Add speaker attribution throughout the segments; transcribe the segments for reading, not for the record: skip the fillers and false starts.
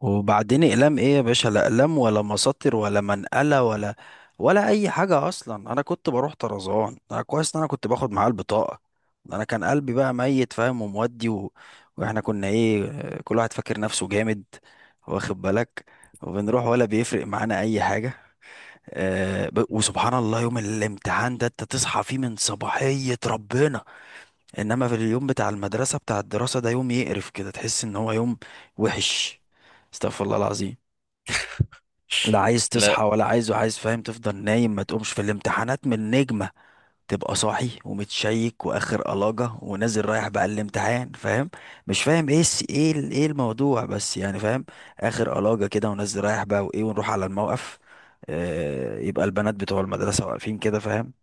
Speaker 1: وبعدين اقلام ايه يا باشا؟ لا اقلام ولا مساطر ولا منقله ولا اي حاجه اصلا. انا كنت بروح طرزان، انا كويس ان انا كنت باخد معاه البطاقه. انا كان قلبي بقى ميت فاهم ومودي واحنا كنا ايه كل واحد فاكر نفسه جامد، واخد بالك؟ وبنروح ولا بيفرق معانا اي حاجه. وسبحان الله يوم الامتحان ده انت تصحى فيه من صباحيه ربنا، انما في اليوم بتاع المدرسه بتاع الدراسه ده يوم يقرف كده، تحس ان هو يوم وحش. استغفر الله العظيم. لا عايز تصحى
Speaker 2: لا.
Speaker 1: ولا عايز وعايز فاهم، تفضل نايم، ما تقومش. في الامتحانات من نجمة تبقى صاحي ومتشيك واخر قلاجة ونازل رايح بقى الامتحان فاهم، مش فاهم ايه ايه الموضوع بس، يعني فاهم، اخر قلاجة كده ونازل رايح بقى وايه، ونروح على الموقف. آه يبقى البنات بتوع المدرسة واقفين كده فاهم،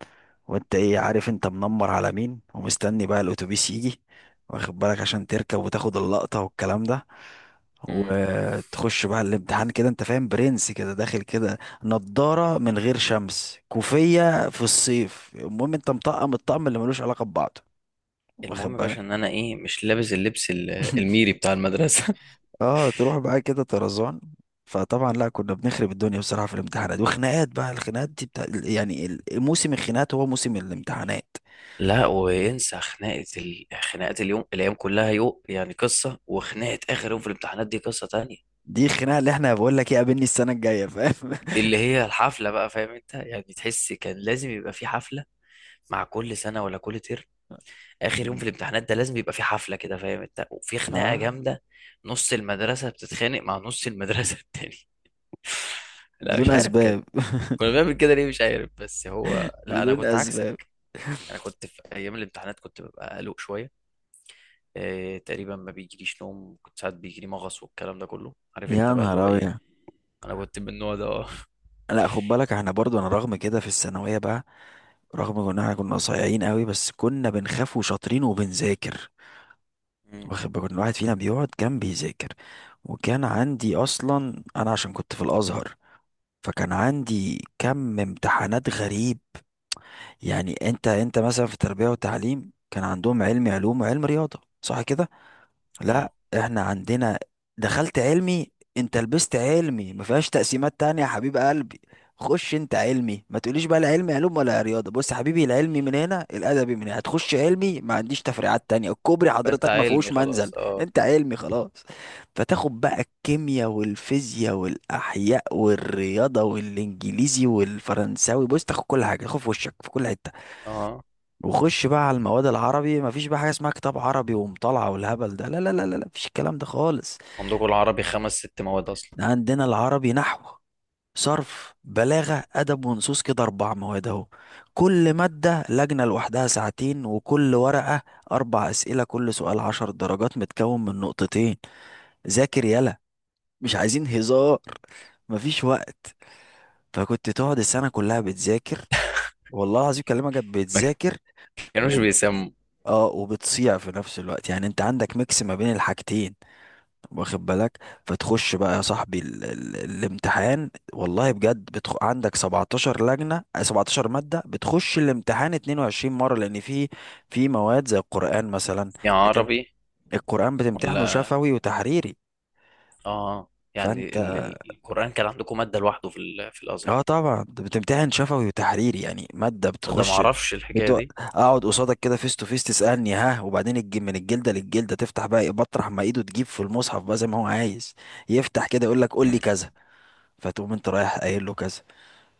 Speaker 1: وانت ايه عارف انت منمر على مين ومستني بقى الاتوبيس يجي، واخد بالك، عشان تركب وتاخد اللقطة والكلام ده.
Speaker 2: مم.
Speaker 1: وتخش بقى الامتحان كده انت فاهم، برنس كده داخل كده، نضارة من غير شمس، كوفية في الصيف، المهم انت مطقم الطقم اللي ملوش علاقة ببعضه،
Speaker 2: المهم
Speaker 1: واخد
Speaker 2: يا
Speaker 1: بالك.
Speaker 2: باشا ان انا ايه مش لابس اللبس الميري بتاع المدرسه.
Speaker 1: اه تروح بقى كده طرزان. فطبعا لا، كنا بنخرب الدنيا بصراحة في الامتحانات، وخناقات بقى. الخناقات دي بتاع يعني موسم الخناقات هو موسم الامتحانات،
Speaker 2: لا، وينسى خناقه خناقه اليوم، الايام كلها يوم يعني قصه، وخناقه اخر يوم في الامتحانات دي قصه تانية.
Speaker 1: دي الخناقه اللي احنا بقول لك ايه قابلني السنه الجايه فاهم.
Speaker 2: اللي هي الحفله بقى، فاهم انت؟ يعني تحس كان لازم يبقى في حفله، مع كل سنه ولا كل ترم؟ اخر يوم في الامتحانات ده لازم يبقى في حفله كده، فاهم انت؟ وفي خناقه
Speaker 1: اه،
Speaker 2: جامده. نص المدرسه بتتخانق مع نص المدرسه التاني. لا،
Speaker 1: بدون
Speaker 2: مش عارف
Speaker 1: اسباب.
Speaker 2: كان كنا بنعمل كده ليه، مش عارف. بس هو لا، انا
Speaker 1: بدون
Speaker 2: كنت
Speaker 1: اسباب.
Speaker 2: عكسك. انا كنت في ايام الامتحانات كنت ببقى قلق شويه، إيه، تقريبا ما بيجيليش نوم، كنت ساعات بيجيلي مغص والكلام ده كله، عارف انت
Speaker 1: يا
Speaker 2: بقى اللي
Speaker 1: نهار
Speaker 2: هو ايه.
Speaker 1: ابيض.
Speaker 2: انا كنت من النوع ده، اه.
Speaker 1: لا خد بالك، احنا برضو انا رغم كده في الثانويه بقى، رغم ان احنا كنا صايعين قوي بس كنا بنخاف وشاطرين وبنذاكر،
Speaker 2: مم.
Speaker 1: واخد بالك. كل واحد فينا بيقعد كان بيذاكر، وكان عندي اصلا انا عشان كنت في الازهر، فكان عندي كم امتحانات غريب. يعني انت مثلا في تربيه وتعليم كان عندهم علم علوم وعلم رياضه صح كده؟
Speaker 2: اه.
Speaker 1: لا، احنا عندنا دخلت علمي. انت لبست علمي ما فيهاش تقسيمات تانية يا حبيب قلبي. خش انت علمي، ما تقوليش بقى لا علمي علوم ولا رياضة. بص يا حبيبي، العلمي من هنا، الادبي من هنا. هتخش علمي ما عنديش تفريعات تانية. الكوبري
Speaker 2: فانت
Speaker 1: حضرتك ما فيهوش
Speaker 2: علمي
Speaker 1: منزل.
Speaker 2: خلاص، اه.
Speaker 1: انت علمي خلاص. فتاخد بقى الكيمياء والفيزياء والاحياء والرياضة والانجليزي والفرنساوي. بص تاخد كل حاجة، تاخد في وشك في كل حتة.
Speaker 2: اه.
Speaker 1: وخش بقى على المواد العربي، مفيش بقى حاجة اسمها كتاب عربي ومطالعة والهبل ده، لا، مفيش الكلام ده خالص.
Speaker 2: عندكم العربي خمس ست مواد اصلا؟
Speaker 1: ده عندنا العربي نحو، صرف، بلاغة، أدب ونصوص، كده أربع مواد أهو. كل مادة لجنة لوحدها ساعتين، وكل ورقة أربع أسئلة، كل سؤال عشر درجات متكون من نقطتين. ذاكر يلا، مش عايزين هزار، مفيش وقت. فكنت تقعد السنة كلها بتذاكر، والله العظيم كلمة كانت
Speaker 2: ما
Speaker 1: بتذاكر.
Speaker 2: كانوش بيسموا
Speaker 1: اه وبتصيع في نفس الوقت، يعني انت عندك ميكس ما بين الحاجتين، واخد بالك. فتخش بقى يا صاحبي ال الامتحان والله بجد عندك 17 لجنة 17 مادة بتخش الامتحان 22 مرة، لان في مواد زي القرآن مثلا.
Speaker 2: يا
Speaker 1: بتمت...
Speaker 2: عربي
Speaker 1: القرآن بتمتحنه
Speaker 2: ولا
Speaker 1: شفوي وتحريري.
Speaker 2: اه؟ يعني
Speaker 1: فانت،
Speaker 2: ال القرآن كان عندكم مادة لوحده في الأزهر؟
Speaker 1: اه طبعا انت بتمتحن شفوي وتحريري، يعني مادة
Speaker 2: تصدق ما
Speaker 1: بتخش.
Speaker 2: اعرفش الحكاية دي.
Speaker 1: اقعد قصادك كده فيس تو فيس، تسألني ها؟ وبعدين من الجلدة للجلدة، تفتح بقى بطرح ما ايده تجيب في المصحف بقى زي ما هو عايز، يفتح كده يقول لك قول لي
Speaker 2: مم.
Speaker 1: كذا، فتقوم انت رايح قايل له كذا،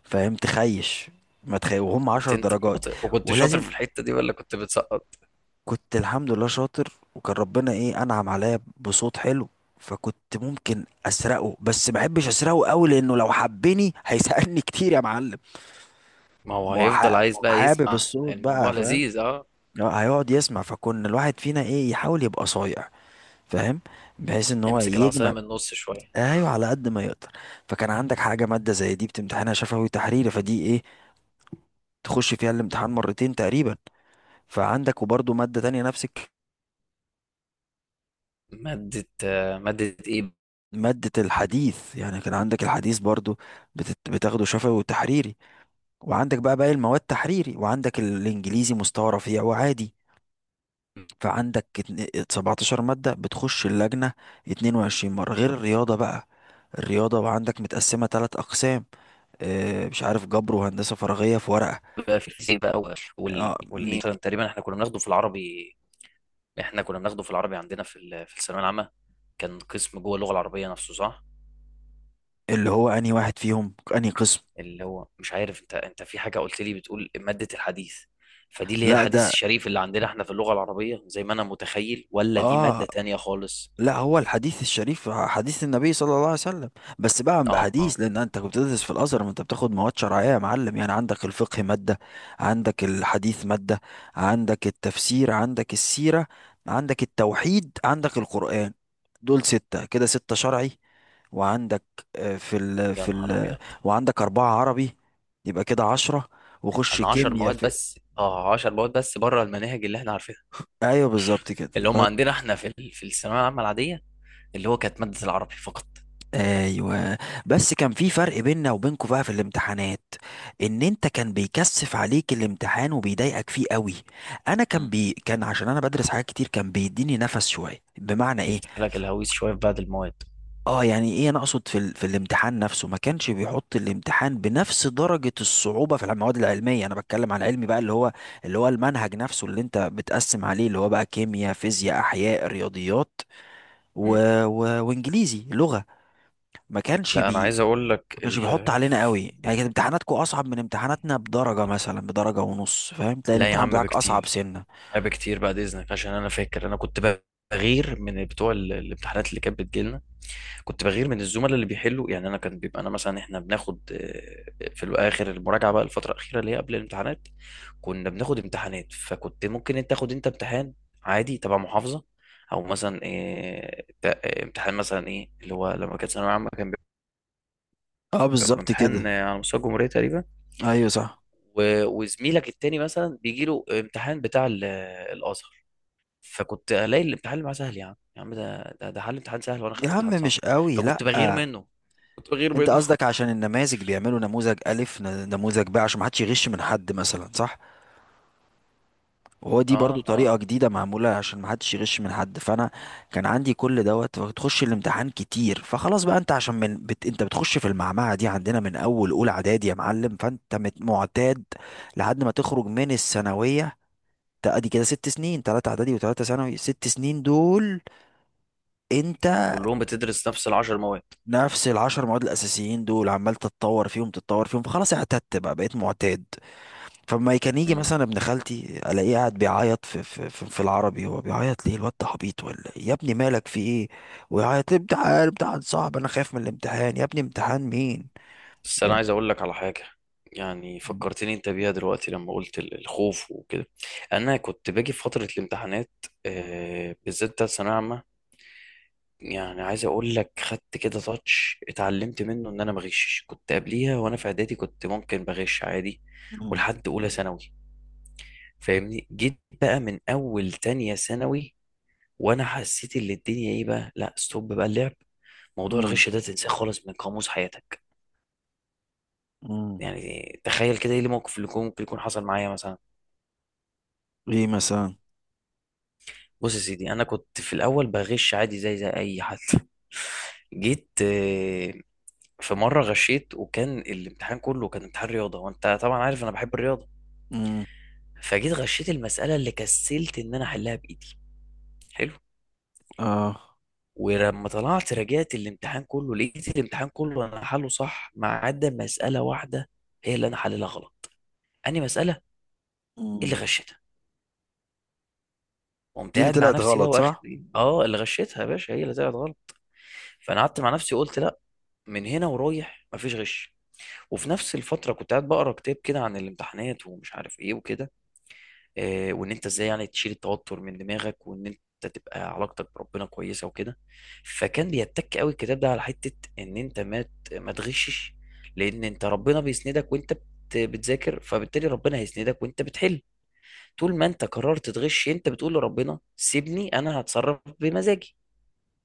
Speaker 1: فاهم. تخيش، ما تخيش، وهم
Speaker 2: كنت
Speaker 1: عشر
Speaker 2: انت
Speaker 1: درجات،
Speaker 2: شاطر؟ وكنت شاطر
Speaker 1: ولازم.
Speaker 2: في الحتة دي ولا كنت بتسقط؟
Speaker 1: كنت الحمد لله شاطر، وكان ربنا ايه انعم عليا بصوت حلو، فكنت ممكن اسرقه بس ما احبش اسرقه قوي، لانه لو حبني هيسألني كتير يا معلم.
Speaker 2: ما هو
Speaker 1: ما
Speaker 2: هيفضل عايز
Speaker 1: هو
Speaker 2: بقى
Speaker 1: حابب
Speaker 2: يسمع،
Speaker 1: الصوت
Speaker 2: الموضوع
Speaker 1: بقى فاهم،
Speaker 2: لذيذ، اه.
Speaker 1: هيقعد يسمع. فكنا الواحد فينا ايه يحاول يبقى صايع فاهم، بحيث ان هو
Speaker 2: يمسك العصاية
Speaker 1: يجمع.
Speaker 2: من النص شوية.
Speaker 1: ايوه على قد ما يقدر. فكان عندك حاجه ماده زي دي بتمتحنها شفوي تحريري، فدي ايه تخش فيها الامتحان مرتين تقريبا. فعندك وبرضه ماده تانية نفس
Speaker 2: مادة ايه؟
Speaker 1: ماده الحديث، يعني كان عندك الحديث برضه بتاخده شفوي وتحريري. وعندك بقى باقي المواد تحريري، وعندك الانجليزي مستوى رفيع وعادي. فعندك 17 مادة بتخش اللجنة 22 مرة، غير الرياضة بقى. الرياضة وعندك متقسمة تلات أقسام، اه مش عارف، جبر وهندسة فراغية في ورقة.
Speaker 2: بقى في الفيزياء بقى
Speaker 1: اه
Speaker 2: والايه مثلا،
Speaker 1: مج-
Speaker 2: تقريبا احنا كنا بناخده في العربي. احنا كنا بناخده في العربي عندنا في الثانوية العامة. كان قسم جوه اللغة العربية نفسه، صح؟
Speaker 1: اللي هو أنهي واحد فيهم أنهي قسم.
Speaker 2: اللي هو مش عارف، انت في حاجة قلت لي، بتقول مادة الحديث، فدي اللي هي
Speaker 1: لا
Speaker 2: الحديث
Speaker 1: ده،
Speaker 2: الشريف اللي عندنا احنا في اللغة العربية زي ما انا متخيل، ولا دي
Speaker 1: اه،
Speaker 2: مادة تانية خالص؟
Speaker 1: لا هو الحديث الشريف حديث النبي صلى الله عليه وسلم، بس بقى
Speaker 2: اه.
Speaker 1: حديث لان انت كنت بتدرس في الازهر، ما انت بتاخد مواد شرعيه يا معلم. يعني عندك الفقه ماده، عندك الحديث ماده، عندك التفسير، عندك السيره، عندك التوحيد، عندك القران. دول سته كده، سته شرعي. وعندك آه، في ال
Speaker 2: يا
Speaker 1: في
Speaker 2: نهار
Speaker 1: ال
Speaker 2: ابيض.
Speaker 1: وعندك أربعة عربي، يبقى كده عشرة. وخش
Speaker 2: انا 10
Speaker 1: كيمياء
Speaker 2: مواد
Speaker 1: في.
Speaker 2: بس، 10 مواد بس بره المناهج اللي احنا عارفينها،
Speaker 1: أيوه بالظبط كده.
Speaker 2: اللي هم عندنا احنا في الثانويه العامه العاديه، اللي هو كانت ماده العربي فقط.
Speaker 1: ايوه. بس كان في فرق بيننا وبينكوا بقى في الامتحانات، ان انت كان بيكثف عليك الامتحان وبيضايقك فيه قوي، انا كان
Speaker 2: مم.
Speaker 1: بي كان عشان انا بدرس حاجات كتير كان بيديني نفس شويه، بمعنى ايه؟
Speaker 2: يفتح لك الهويس شويه في بعض المواد.
Speaker 1: اه يعني ايه، انا اقصد في الامتحان نفسه ما كانش بيحط الامتحان بنفس درجه الصعوبه في المواد العلميه، انا بتكلم على العلمي بقى، اللي هو اللي هو المنهج نفسه اللي انت بتقسم عليه، اللي هو بقى كيمياء فيزياء احياء رياضيات، و...
Speaker 2: مم.
Speaker 1: وانجليزي لغه. ما كانش
Speaker 2: لا، انا
Speaker 1: بي
Speaker 2: عايز اقول لك
Speaker 1: ما كانش بيحط علينا قوي، يعني كانت امتحاناتكم اصعب من امتحاناتنا بدرجه مثلا بدرجه ونص فاهم، تلاقي
Speaker 2: لا يا
Speaker 1: الامتحان
Speaker 2: عم،
Speaker 1: بتاعك اصعب
Speaker 2: بكتير.
Speaker 1: سنه.
Speaker 2: لا، بكتير، بعد اذنك، عشان انا فاكر انا كنت بغير من بتوع الامتحانات اللي كانت بتجيلنا. كنت بغير من الزملاء اللي بيحلوا، يعني انا كان بيبقى انا مثلا، احنا بناخد في الاخر المراجعه بقى، الفتره الاخيره اللي هي قبل الامتحانات، كنا بناخد امتحانات، فكنت ممكن انت تاخد انت امتحان عادي تبع محافظه، او مثلا امتحان مثلا ايه اللي هو، لما كانت ثانويه عامه كان بيبقى
Speaker 1: اه بالظبط
Speaker 2: امتحان
Speaker 1: كده.
Speaker 2: على مستوى الجمهوريه تقريبا.
Speaker 1: ايوه صح.
Speaker 2: وزميلك التاني مثلا بيجي له امتحان بتاع الازهر. فكنت الاقي الامتحان اللي معاه سهل، يا عم يا عم، ده حل امتحان سهل وانا
Speaker 1: يا
Speaker 2: خدت
Speaker 1: عم
Speaker 2: امتحان صعب،
Speaker 1: مش قوي لا.
Speaker 2: فكنت بغير منه، كنت بغير
Speaker 1: انت
Speaker 2: منه.
Speaker 1: قصدك عشان النماذج بيعملوا نموذج الف نموذج ب عشان ما حدش يغش من حد مثلا صح، وهو دي برضو
Speaker 2: اه. اه،
Speaker 1: طريقة جديدة معمولة عشان محدش يغش من حد. فأنا كان عندي كل دوت وتخش الامتحان كتير فخلاص بقى. أنت عشان أنت بتخش في المعمعة دي عندنا من أول أولى إعدادي يا معلم، فأنت معتاد لحد ما تخرج من الثانوية. أدي كده ست سنين، تلاتة إعدادي وتلاتة ثانوي، ست سنين دول أنت
Speaker 2: كلهم بتدرس نفس العشر مواد.
Speaker 1: نفس العشر مواد الأساسيين دول، عمال تتطور فيهم تتطور فيهم، فخلاص اعتدت بقى، بقيت معتاد. فما كان يجي
Speaker 2: مم.
Speaker 1: مثلا ابن خالتي الاقيه قاعد بيعيط في العربي، هو بيعيط ليه الواد ده عبيط ولا إيه؟ يا ابني مالك في ايه؟ ويعيط، امتحان، امتحان صعب، انا خايف من الامتحان، يا ابني امتحان مين
Speaker 2: بس انا
Speaker 1: يعني.
Speaker 2: عايز اقول لك على حاجه، يعني فكرتني انت بيها دلوقتي لما قلت الخوف وكده. انا كنت باجي في فتره الامتحانات، بالذات بتاعت ثانويه عامه، يعني عايز اقول لك خدت كده تاتش، اتعلمت منه ان انا ما اغشش. كنت قبليها وانا في اعدادي كنت ممكن بغش عادي،
Speaker 1: مم.
Speaker 2: ولحد اولى ثانوي، فاهمني؟ جيت بقى من اول تانية ثانوي وانا حسيت ان الدنيا ايه بقى، لا، ستوب بقى اللعب، موضوع
Speaker 1: مم.
Speaker 2: الغش ده تنساه خالص من قاموس حياتك.
Speaker 1: مم.
Speaker 2: يعني تخيل كده، ايه الموقف اللي ممكن يكون حصل معايا مثلا؟
Speaker 1: ايه مثلا؟
Speaker 2: بص يا سيدي، انا كنت في الاول بغش عادي زي اي حد. جيت في مره غشيت، وكان الامتحان كله كان امتحان رياضه، وانت طبعا عارف انا بحب الرياضه،
Speaker 1: مم.
Speaker 2: فجيت غشيت المساله اللي كسلت ان انا احلها بايدي. حلو.
Speaker 1: اه.
Speaker 2: ولما طلعت راجعت الامتحان كله، لقيت الامتحان كله انا حله صح ما عدا مساله واحده، هي اللي انا حللها غلط، اني مساله اللي
Speaker 1: مم.
Speaker 2: غشيتها.
Speaker 1: دي
Speaker 2: قمت
Speaker 1: اللي
Speaker 2: قاعد مع
Speaker 1: طلعت
Speaker 2: نفسي بقى،
Speaker 1: غلط
Speaker 2: واخد.
Speaker 1: صح.
Speaker 2: اه، اللي غشيتها يا باشا هي اللي طلعت غلط. فانا قعدت مع نفسي قلت لا، من هنا ورايح مفيش غش. وفي نفس الفتره كنت قاعد بقرا كتاب كده عن الامتحانات ومش عارف ايه وكده، وان انت ازاي يعني تشيل التوتر من دماغك، وان انت تبقى علاقتك بربنا كويسه وكده. فكان بيتك قوي الكتاب ده على حته ان انت ما تغشش، لان انت ربنا بيسندك وانت بتذاكر، فبالتالي ربنا هيسندك وانت بتحل. طول ما انت قررت تغش، انت بتقول لربنا سيبني انا هتصرف بمزاجي.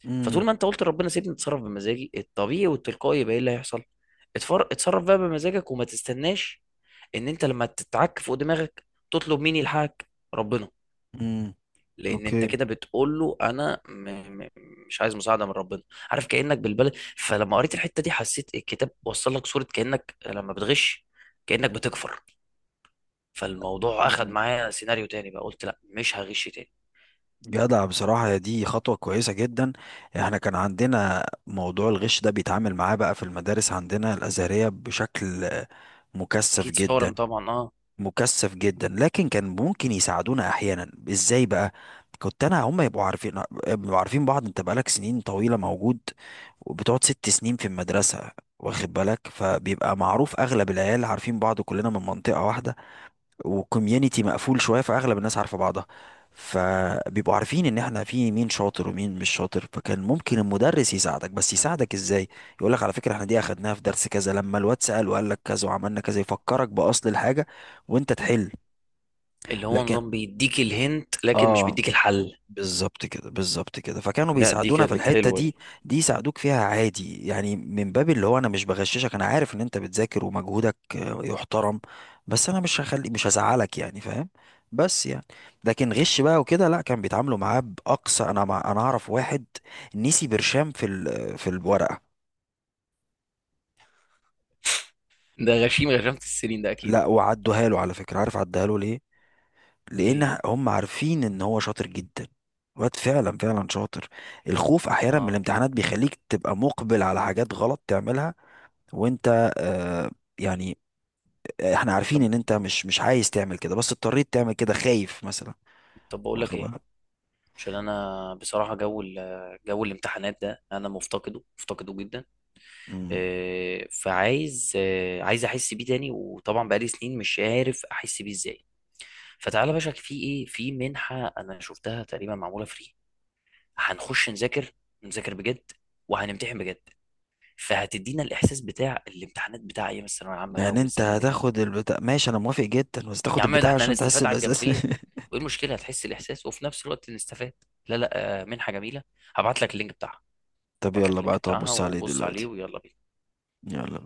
Speaker 1: مم.
Speaker 2: فطول ما انت قلت لربنا سيبني اتصرف بمزاجي الطبيعي والتلقائي، يبقى ايه اللي هيحصل؟ اتصرف بقى بمزاجك وما تستناش ان انت لما تتعك فوق دماغك تطلب مين يلحقك؟ ربنا.
Speaker 1: مم.
Speaker 2: لان انت
Speaker 1: اوكي.
Speaker 2: كده بتقول له انا م... مش عايز مساعده من ربنا. عارف كانك بالبلد؟ فلما قريت الحته دي، حسيت الكتاب وصل لك صوره كانك لما بتغش كانك بتكفر. فالموضوع اخد
Speaker 1: مم.
Speaker 2: معايا سيناريو تاني بقى، قلت لا، مش هغش تاني.
Speaker 1: جدع بصراحة، يا دي خطوة كويسة جدا. احنا كان عندنا موضوع الغش ده بيتعامل معاه بقى في المدارس عندنا الأزهرية بشكل مكثف
Speaker 2: اكيد، صارم
Speaker 1: جدا.
Speaker 2: طبعا، اه.
Speaker 1: مكثف جدا، لكن كان ممكن يساعدونا احيانا ازاي بقى، كنت انا هم يبقوا عارفين، يبقوا عارفين بعض، انت بقالك سنين طويلة موجود، وبتقعد ست سنين في المدرسة، واخد بالك، فبيبقى معروف اغلب العيال عارفين بعض، كلنا من منطقة واحدة وكوميونتي مقفول شويه، فاغلب الناس عارفه بعضها، فبيبقوا عارفين ان احنا في مين شاطر ومين مش شاطر. فكان ممكن المدرس يساعدك، بس يساعدك ازاي؟ يقول لك على فكره احنا دي اخدناها في درس كذا لما الواد سال وقال لك كذا وعملنا كذا، يفكرك باصل الحاجه وانت تحل.
Speaker 2: اللي هو
Speaker 1: لكن
Speaker 2: نظام بيديك الهنت لكن مش
Speaker 1: اه
Speaker 2: بيديك الحل.
Speaker 1: بالظبط كده بالظبط كده، فكانوا
Speaker 2: لا، دي
Speaker 1: بيساعدونا في
Speaker 2: كانت
Speaker 1: الحتة
Speaker 2: حلوة
Speaker 1: دي.
Speaker 2: دي.
Speaker 1: دي يساعدوك فيها عادي، يعني من باب اللي هو انا مش بغششك، انا عارف ان انت بتذاكر ومجهودك يحترم، بس انا مش هزعلك يعني فاهم. بس يعني، لكن غش بقى وكده لا، كان بيتعاملوا معاه بأقصى. انا مع، انا اعرف واحد نسي برشام في الورقة.
Speaker 2: ده غشيم غشمت السنين ده اكيد.
Speaker 1: لا وعدوها له على فكرة، عارف عدها له ليه؟
Speaker 2: ليه؟
Speaker 1: لان هم عارفين ان هو شاطر جدا، واد فعلا فعلا شاطر. الخوف احيانا من
Speaker 2: اه.
Speaker 1: الامتحانات بيخليك تبقى مقبل على حاجات غلط تعملها، وانت آه يعني، احنا عارفين
Speaker 2: طب
Speaker 1: ان انت مش عايز تعمل كده، بس اضطريت تعمل كده خايف مثلا،
Speaker 2: طب بقول لك
Speaker 1: واخد
Speaker 2: ايه،
Speaker 1: بالك.
Speaker 2: عشان انا بصراحة جو الامتحانات ده انا مفتقده، مفتقده جدا.
Speaker 1: مم.
Speaker 2: فعايز آه، عايز احس بيه تاني، وطبعا بقالي سنين مش عارف احس بيه ازاي. فتعالى يا باشا، في منحة انا شفتها تقريبا معمولة فري، هنخش نذاكر، نذاكر بجد، وهنمتحن بجد، فهتدينا الاحساس بتاع الامتحانات بتاع ايام الثانوية العامة بقى
Speaker 1: يعني انت
Speaker 2: والزمن اللي.
Speaker 1: هتاخد البتاع ماشي، انا موافق جدا، بس
Speaker 2: يا
Speaker 1: تاخد
Speaker 2: عم ده
Speaker 1: البتاع
Speaker 2: احنا
Speaker 1: عشان تحس
Speaker 2: هنستفاد على
Speaker 1: الاحساس.
Speaker 2: الجنبين، وايه المشكله؟ هتحس الاحساس وفي نفس الوقت نستفاد. لا لا، منحه جميله، هبعت لك اللينك بتاعها.
Speaker 1: طب
Speaker 2: هبعت لك
Speaker 1: يلا
Speaker 2: اللينك
Speaker 1: بقى، طب
Speaker 2: بتاعها
Speaker 1: بص عليه
Speaker 2: وبص عليه،
Speaker 1: دلوقتي.
Speaker 2: ويلا بينا.
Speaker 1: يلا.